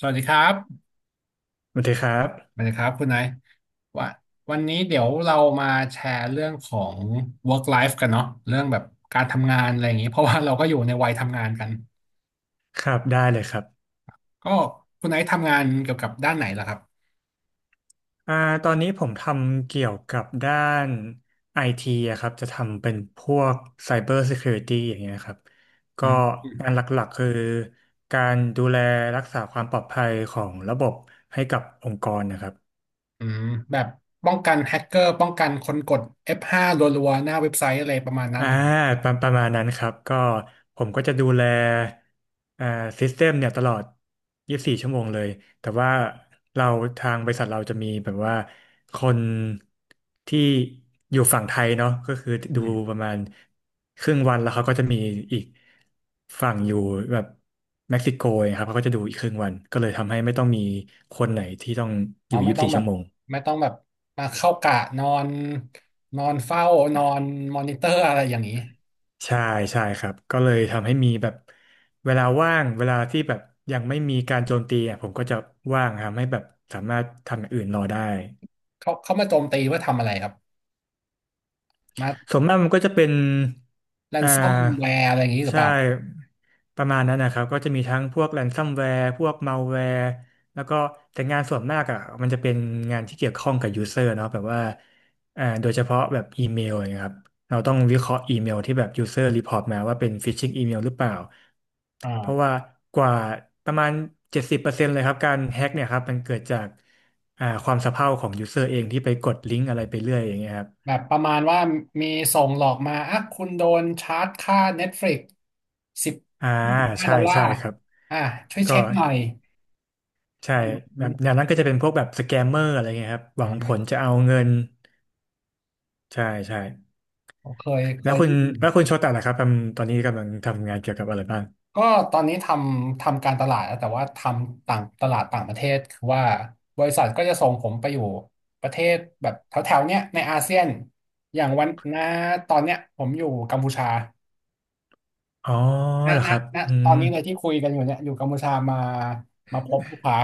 สวัสดีครับสวัสดีครัสบ วัสดีครับคุณไนายว่าวันนี้เดี๋ยวเรามาแชร์เรื่องของ work life กันเนาะเรื่องแบบการทำงานอะไรอย่างนี้เพราะว่าเราก็อยู่ในวัยทำงานกันครับได้เลยครับก็คุณไนายทำงานเกี่ยวกับด้านไหนล่ะครับอ่าตอนนี้ผมทำเกี่ยวกับด้านไอทีอะครับจะทำเป็นพวก Cyber Security อย่างเงี้ยครับ อืก็มงานหลักๆคือการดูแลรักษาความปลอดภัยของระบบให้กับองค์กรนะครับ อืมแบบป้องกันแฮกเกอร์ป้องกันคนกด F5 รัวๆหน้าเว็บไซต์อะไรประมาณนั้นอ่าเหรอประมาณนั้นครับก็ผมก็จะดูแลอ่าซิสเต็มเนี่ยตลอด24ชั่วโมงเลยแต่ว่าเราทางบริษัทเราจะมีแบบว่าคนที่อยู่ฝั่งไทยเนาะก็คืออืดูมประมาณครึ่งวันแล้วเขาก็จะมีอีกฝั่งอยู่แบบเม็กซิโกครับเขาก็จะดูอีกครึ่งวันก็เลยทำให้ไม่ต้องมีคนไหนที่ต้องออ๋อยู่ไม่ต้อง24แบชั่บวโมง ไม่ต้องแบบมาเข้ากะนอนนอนเฝ้านอนมอนิเตอร์อะไรอย่างนี้ใช่ใช่ครับก็เลยทำให้มีแบบเวลาว่างเวลาที่แบบยังไม่มีการโจมตีอ่ะผมก็จะว่างทำให้แบบสามารถทำอย่างอื่นรอได้ เขามาโจมตีว่าทำอะไรครับ ส่วนมากมันก็จะเป็นแ a นอ่ซ o มแวาร์อะไรอย่างนี้หรือใช่ เปล่าประมาณนั้นนะครับ ก็จะมีทั้งพวกแ a นซัมแวร์พวกมัลแวร์แล้วก็แต่งานส่วนมากอ่ะมันจะเป็นงานที่เกี่ยวข้องกับยูเซอร์เนาะแบบว่าโดยเฉพาะแบบอีเมลอย่างเงี้ยครับ เราต้องวิเคราะห์อีเมลที่แบบยูเซอร์รีพอร์ตมาว่าเป็นฟิชชิงอีเมลหรือเปล่า เพราะอ่า ว่ากว่าประมาณ70%เลยครับการแฮ็กเนี่ยครับมันเกิดจากความสะเพร่าของยูเซอร์เองที่ไปกดลิงก์อะไรไปเรื่อยอย่างเงี้ยครับ แบบประมาณว่ามีส่งหลอกมาอ่ะคุณโดนชาร์จค่า Netflix สิบอ่ายี่สิบห้าใช่ดอลลาใช่ร์ครับอ่ะช่วยก็เช็คหน่อยใช่แบบอืแนมวนั้นก็จะเป็นพวกแบบสแกมเมอร์อะไรเงี้ยครับหอ่วังผลจะาเอาเงินใช่ใช่เคยเคแล้วยคุได้ณยินแล้วคุณโชตะล่ะครับทำตอนนี้กำลังทำงานเกี่ยวกับอะไรบ้างก็ตอนนี้ทำการตลาดแล้วแต่ว่าทำต่างตลาดต่างประเทศคือว่าบริษัทก็จะส่งผมไปอยู่ประเทศแบบแถวๆเนี้ยในอาเซียน อย่างวันนะตอนเนี้ยผมอยู่กัมพูชา อ๋อณเหรอณครับณอืตอมนนี้เลยที่คุยกันอยู่เนี่ยอยู่กัมพูชามาพบลูกค้า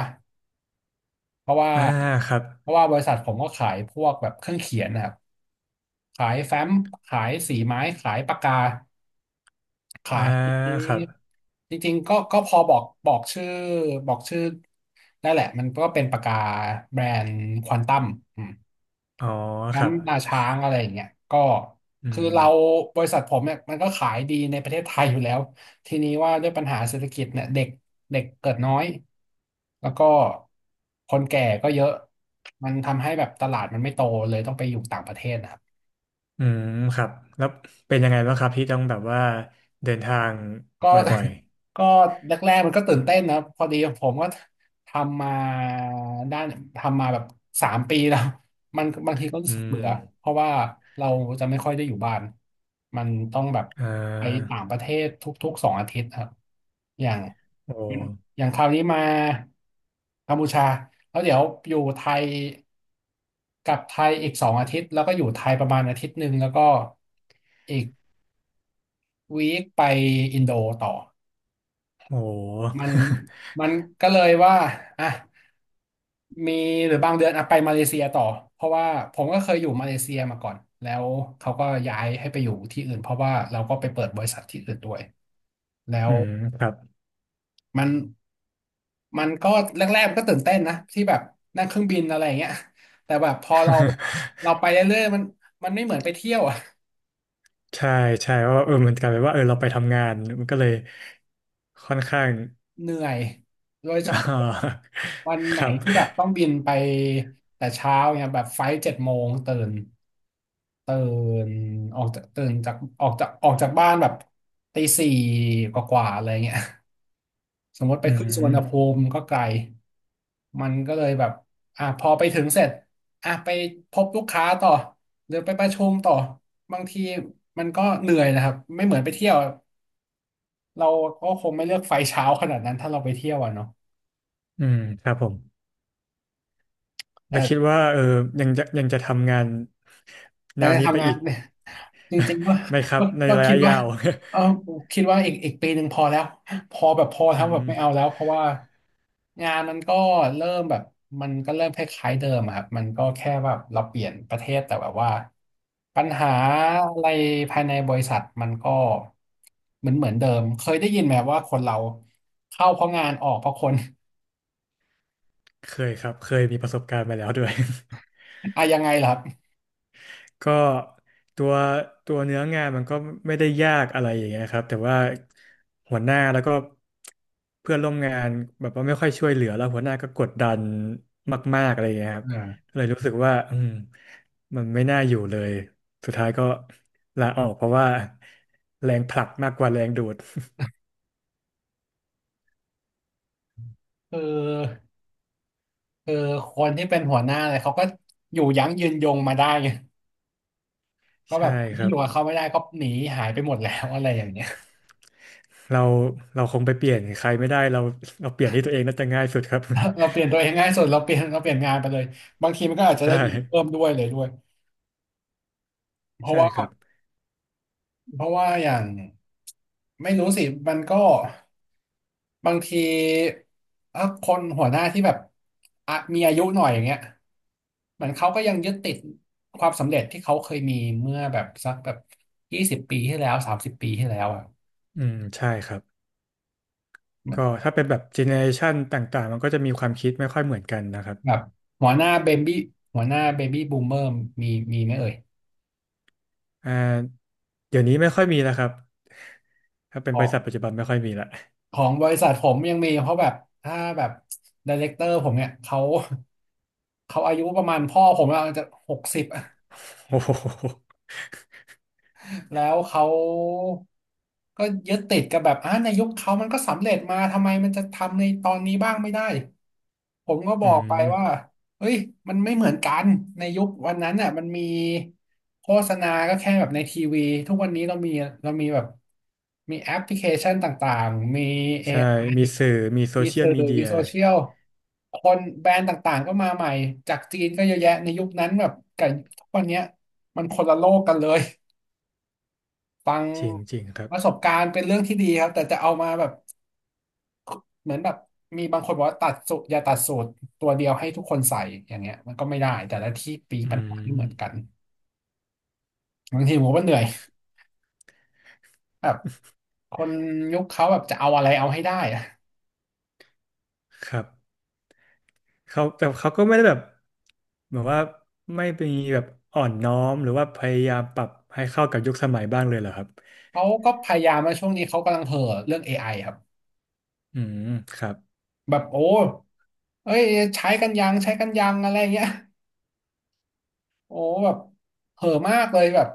เพราะว่าอ่าครับเพราะว่าบริษัทผมก็ขายพวกแบบเครื่องเขียนนะครับขายแฟ้มขายสีไม้ขายปากกาอ่าขายครับจริงๆก็พอบอกชื่อได้แหละมันก็เป็นปากกาแบรนด์ควอนตัม อ๋อครับน้ำตาช้างอะไรอย่างเงี้ยก็อืคือมเราบริษัทผมเนี่ยมันก็ขายดีในประเทศไทยอยู่แล้วทีนี้ว่าด้วยปัญหาเศรษฐกิจเนี่ยเด็กเด็กเกิดน้อยแล้วก็คนแก่ก็เยอะมันทำให้แบบตลาดมันไม่โตเลยต้องไปอยู่ต่างประเทศนะครับ อืมครับแล้วเป็นยังไงบ้างครับที่ต้องแบบว่าเดินทางก็ บ่อย ก็แรกๆมันก็ตื่นเต้นนะพอดีผมก็ทำมาด้านทำมาแบบ3 ปีแล้วมันบางทีก็ๆรู้อืสึกมเบื่อเพราะว่าเราจะไม่ค่อยได้อยู่บ้านมันต้องแบบอ่ไปาต่างประเทศทุกๆสองอาทิตย์ครับอย่างโอ้อย่างคราวนี้มากัมพูชาแล้วเดี๋ยวอยู่ไทยกลับไทยอีกสองอาทิตย์แล้วก็อยู่ไทยประมาณอาทิตย์หนึ่งแล้วก็อีกวีคไปอินโดต่อ โห มันมันก็เลยว่าอ่ะมีหรือบางเดือนอ่ะไปมาเลเซียต่อเพราะว่าผมก็เคยอยู่มาเลเซียมาก่อนแล้วเขาก็ย้ายให้ไปอยู่ที่อื่นเพราะว่าเราก็ไปเปิดบริษัทที่อื่นด้วยแล้ อืวมครับ มันมันก็แรกๆมันก็ตื่นเต้นนะที่แบบนั่งเครื่องบินอะไรอย่างเงี้ยแต่แบบพอเราเราไป เรื่อยๆมันไม่เหมือนไปเที่ยวอะใช่ใช่ว่าเออมันกลายเป็นว่าเออเราไปทำงานมันก็เลยค่อนข้าง เหนื่อยโดยเฉ อ่พาะาวันคไหนรับที่แบบต้องบินไปแต่เช้าเนี่ยแบบไฟล์7 โมงตื่น ตื่นออกจากตื่นจากออกจากออกจากบ้านแบบตี 4กว่าๆอะไรเงี้ย สมมติไปอืขึ้นสุวรรมณภูมิก็ไกลมันก็เลยแบบอ่ะพอไปถึงเสร็จอ่ะไปพบลูกค้าต่อหรือไปประชุมต่อบางทีมันก็เหนื่อยนะครับไม่เหมือนไปเที่ยวเราก็คงไม่เลือกไฟเช้าขนาดนั้นถ้าเราไปเที่ยวอ่ะเนาะอืมครับผมแล้วคิดแต่ว่าเออยังจะทำงานแตแนอนวนี้ไปทำงานอีก เนี่ย จริงๆว่า ไหมครัก็บในก็ระคิยะดว่ายาว เออคิดว่าอีกปีหนึ่งพอแล้วพออืแล้วแบบมไม่เอาแล้วเพราะว่างานมันก็เริ่มแบบมันก็เริ่มคล้ายๆเดิมอะครับมันก็แค่แบบเราเปลี่ยนประเทศแต่แบบว่าปัญหาอะไรภายในบริษัทมันก็เหมือนเดิมเคยได้ยินไหมว่าคนเราเข้าเพราะงานออกเพราะคน เคยครับเคยมีประสบการณ์มาแล้วด้วย อะยังไงล่ะครับก็ตัวตัวเนื้องานมันก็ไม่ได้ยากอะไรอย่างเงี้ยครับแต่ว่าหัวหน้าแล้วก็เพื่อนร่วมงานแบบว่าไม่ค่อยช่วยเหลือแล้วหัวหน้าก็กดดันมากๆอะไรอย่างเงี้ยครับอ่าก็เลยรู้สึกว่าอืมมันไม่น่าอยู่เลยสุดท้ายก็ลาออกเพราะว่าแรงผลักมากกว่าแรงดูด คือคือคนที่เป็นหัวหน้าเลยเขาก็อยู่ยั้งยืนยงมาได้ ก็ แบใช่บคนคที่รัอบยู่กับเขาไม่ได้ก็หนีหายไปหมดแล้ว อะไรอย่างเงี้ย เราเราคงไปเปลี่ยนใครไม่ได้เราเปลี่ยนที่ตัวเองน่าจะง่ายสุดครับ เราเปลี่ยนตัวเองง่ายสุดเราเปลี่ยน เราเปลี่ยนงานไปเลยบางทีมันก็อาจจะใช่ได้เงินเพิ่มด้วยเลยด้วยเพราะใช่ว่าครับเพราะว่าอย่างไม่รู้สิมันก็บางทีถ้าคนหัวหน้าที่แบบอ่ะมีอายุหน่อยอย่างเงี้ยเหมือนเขาก็ยังยึดติดความสำเร็จที่เขาเคยมีเมื่อแบบสักแบบ20 ปีที่แล้ว30 ปีที่แล้วอ่ะอืมใช่ครับ ก็หถ้าเป็นแบบเจเนอเรชันต่างๆมันก็จะมีความคิดไม่ค่อยเหมือนกันนะครับแบบหัวหน้าเบบี้หัวหน้าเบบี้บูมเมอร์มีมีไหมเอ่ย อ่าเดี๋ยวนี้ไม่ค่อยมีแล้วครับถ้าเป็นขบอริงษัทปัจจุบันไม่ค่อยมีละ ของบริษัทผมยังมีเพราะแบบถ้าแบบไดเรคเตอร์ผมเนี่ยเขาอายุประมาณพ่อผมอาจจะ60 โอ้โห แล้วเขาก็ยึดติดกับแบบในยุคเขามันก็สำเร็จมาทำไมมันจะทำในตอนนี้บ้างไม่ได้ผมก็บอือกไปมว่าเฮ้ยมันไม่เหมือนกันในยุควันนั้นน่ะมันมีโฆษณาก็แค่แบบในทีวีทุกวันนี้เรามีเรามีแบบมีแอปพลิเคชันต่างๆมี ใช่ AI มีสื่อมีโซมีเชียลสื่อมีเดีมียโซเชียลคนแบรนด์ต่างๆก็มาใหม่จากจีนก็เยอะแยะในยุคนั้นแบบกับทุกวันเนี้ยมันคนละโลกกันเลยฟังจริงๆครับประสบการณ์เป็นเรื่องที่ดีครับแต่จะเอามาแบบเหมือนแบบมีบางคนบอกว่าตัดสูตรอย่าตัดสูตรตัวเดียวให้ทุกคนใส่อย่างเงี้ยมันก็ไม่ได้แต่ละที่ปีอืปัญหาไม่เหมือนกันมบางทีผมก็เหนื่อยแบบคนยุคเขาแบบจะเอาอะไรเอาให้ได้อะครับเขาแต่เขาก็ไม่ได้แบบเหมือนว่าไม่มีแบบอ่อนน้อมหรือว่าพยายามปรับให้เข้ากับยุคสมัยบ้างเลยเหรอครับเขาก็พยายามมาช่วงนี้เขากำลังเห่อเรื่องเอไ i ครับ อืมครับ แบบโอ้เอ้ยใช้กันยังใช้กันยังอะไรเงี้ย โอ้แบบเห่อะมากเลยแบบ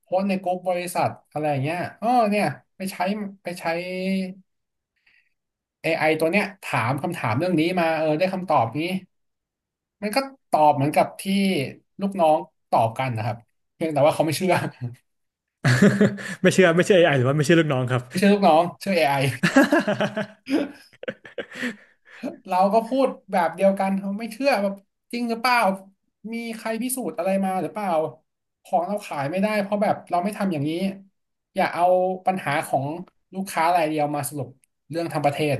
โพสต์ในกลุ่มบริษัทอะไรเงี้ยอ๋อเนี่ยไปใช้ไปใช้ AI ตัวเนี้ยถามคำถามเรื่องนี้มาเออได้คำตอบนี้มันก็ตอบเหมือนกับที่ลูกน้องตอบกันนะครับเพียงแต่ว่าเขาไม่เชื่อ ไม่เชื่อไม่เชื่อเอไอหรือว่าไม่เชื่อลูกน้องครับ ไม่เชื่อลูกน้องเชื่อเอไอ เราก็พูดแบบเดียวกันเขาไม่เชื่อแบบจริงหรือเปล่ามีใครพิสูจน์อะไรมาหรือเปล่าของเราขายไม่ได้เพราะแบบเราไม่ทำอย่างนี้อย่าเอาปัญหาของลูกค้ารายเดียวมาสรุปเรื่องทั้งประเทศ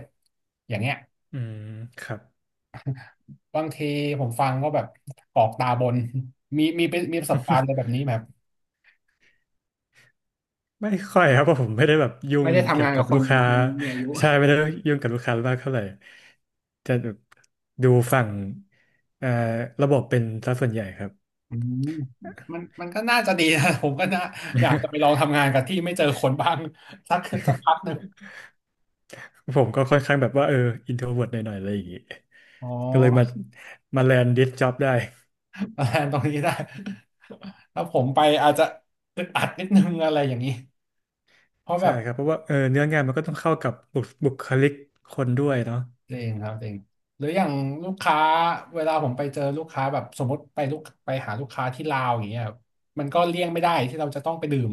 อย่างเงี้ยอืมครับ บางทีผมฟังก็แบบกรอกตาบนมีเป็นมีประสบการณ์อะไรแบ บนี้ไบมบไม่ค่อยครับเพราะผมไม่ได้แบบยุ่ไม่งได้เกี่ทำยงาวนกักับบคลูนกค้าคนมีอายุใช่ไม่ได้ยุ่งกับลูกค้ามากเท่าไหร่จะแบบดูฝั่งเอ่อระบบเป็นซะส่วนใหญ่ครับอืมมันก็น่าจะดีนะ ผมก็น่าอยากจะไปลองทำงานกับที่ไม่เจอคนบ้างสักสักพักหนึ่งผมก็ค่อนข้างแบบว่าเอออินโทรเวิร์ตหน่อยๆอะไรอย่างงี้อ๋อ ก็เลยมาแลนดดิสจ็อบได้แทนตรงนี้ได้ ถ้าผมไปอาจจะอึดอัดนิดนึงอะไรอย่างนี้เพราะแบใช่บครับเพราะว่าเออเนื้องานมันก็ต้องเข้ากับบุคลิกคนด้วยเนาะจริงครับจริงหรืออย่างลูกค้าเวลาผมไปเจอลูกค้าแบบสมมติไปลูกไปหาลูกค้าที่ลาวอย่างเงี้ยครับมันก็เลี่ยงไม่ได้ที่เราจะต้องไปดื่ม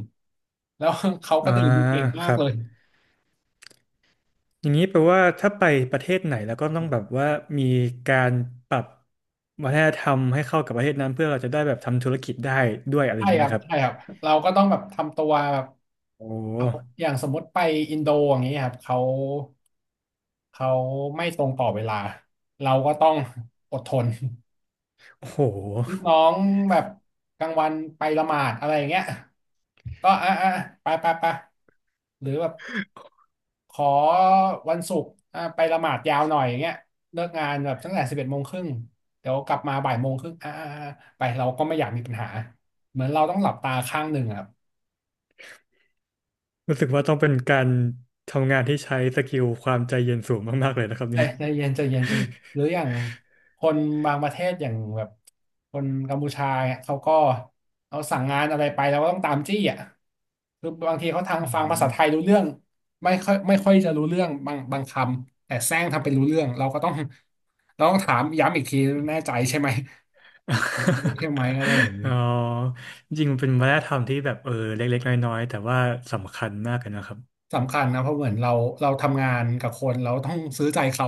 แล้ว เขาก็อ่าดื่มเก่งคมากรับ เลยอย่างนี้แปลว่าถ้าไปประเทศไหนแล้วก็ต้องแบบว่ามีการปรับวัฒนธรรมให้เข้ากับประเทศนั้นเพื่อเราจะได้แบบทำธุรกิจได้ด้วยอะไรอใช่ย่างนี้คไหรัมบครับใช่ครับเราก็ต้องแบบทำตัวแบบโอ้เขาอย่างสมมติไปอินโดอย่างเงี้ยครับเขาไม่ตรงต่อเวลาเราก็ต้องอดทน โอ้โหลูกน้องแบบกลางวันไปละหมาดอะไรอย่างเงี้ยก็อ่ะอ่ะไปไปไปหรือแบบขอวันศุกร์อ่ะไปละหมาดยาวหน่อยอย่างเงี้ยเลิกงานแบบตั้งแต่สิบเอ็ดโมงครึ่งเดี๋ยวกลับมาบ่ายโมงครึ่งอ่ะอ่ะอ่ะไปเราก็ไม่อยากมีปัญหาเหมือนเราต้องหลับตาข้างหนึ่งอะ รู้สึกว่าต้องเป็นการทำงานที่ใช้สกิลความใจเย็นสูงมากๆเลยนะครับใจเนี่ยใจเย็นใจเย็นใจเย็นหรืออย่างคนบางประเทศอย่างแบบคนกัมพูชาเนี่ยเขาก็เอาสั่งงานอะไรไปแล้วก็ต้องตามจี้อ่ะคือบางทีเขาทางอืฟังภาษาม ไทยรู้เรื่องไม่ค่อยไม่ค่อยจะรู้เรื่องบางคำแต่แซงทำเป็นรู้เรื่องเราก็ต้องเราต้องถามย้ำอีกทีแน่ใจใช่ไหมรู้ใช่ไหม อะไรอย่างอ๋นี้ อจริงๆมันเป็นวัฒนธรรมที่แบบเออเล็กๆน้อยๆแต่ว่าสำคัญมากเลยนะครับสำคัญนะเพราะเหมือนเราทำงานกับคนเราต้องซื้อใจเขา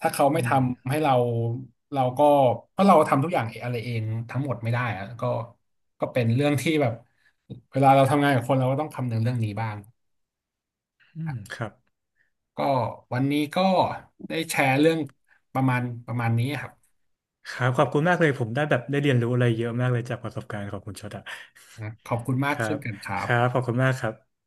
ถ้าเขาไม่อืทมำให้เราเราก็เพราะเราทำทุกอย่างเองอะไรเองทั้งหมดไม่ได้อะก็เป็นเรื่องที่แบบเวลาเราทำงานกับคนเราก็ต้องคำนึงเรื่องนี้บ้างอืมครับ ก็วันนี้ก็ได้แชร์เรื่องประมาณนี้ครับครับขอบคุณมากเลยผมได้แบบได้เรียนรู้อะไรเยอะมากเลยจากประสบการณ์ของคุณชดอะนะขอบคุณมาคกรัเช่นบกันครัคบรับขอบคุณมากครับ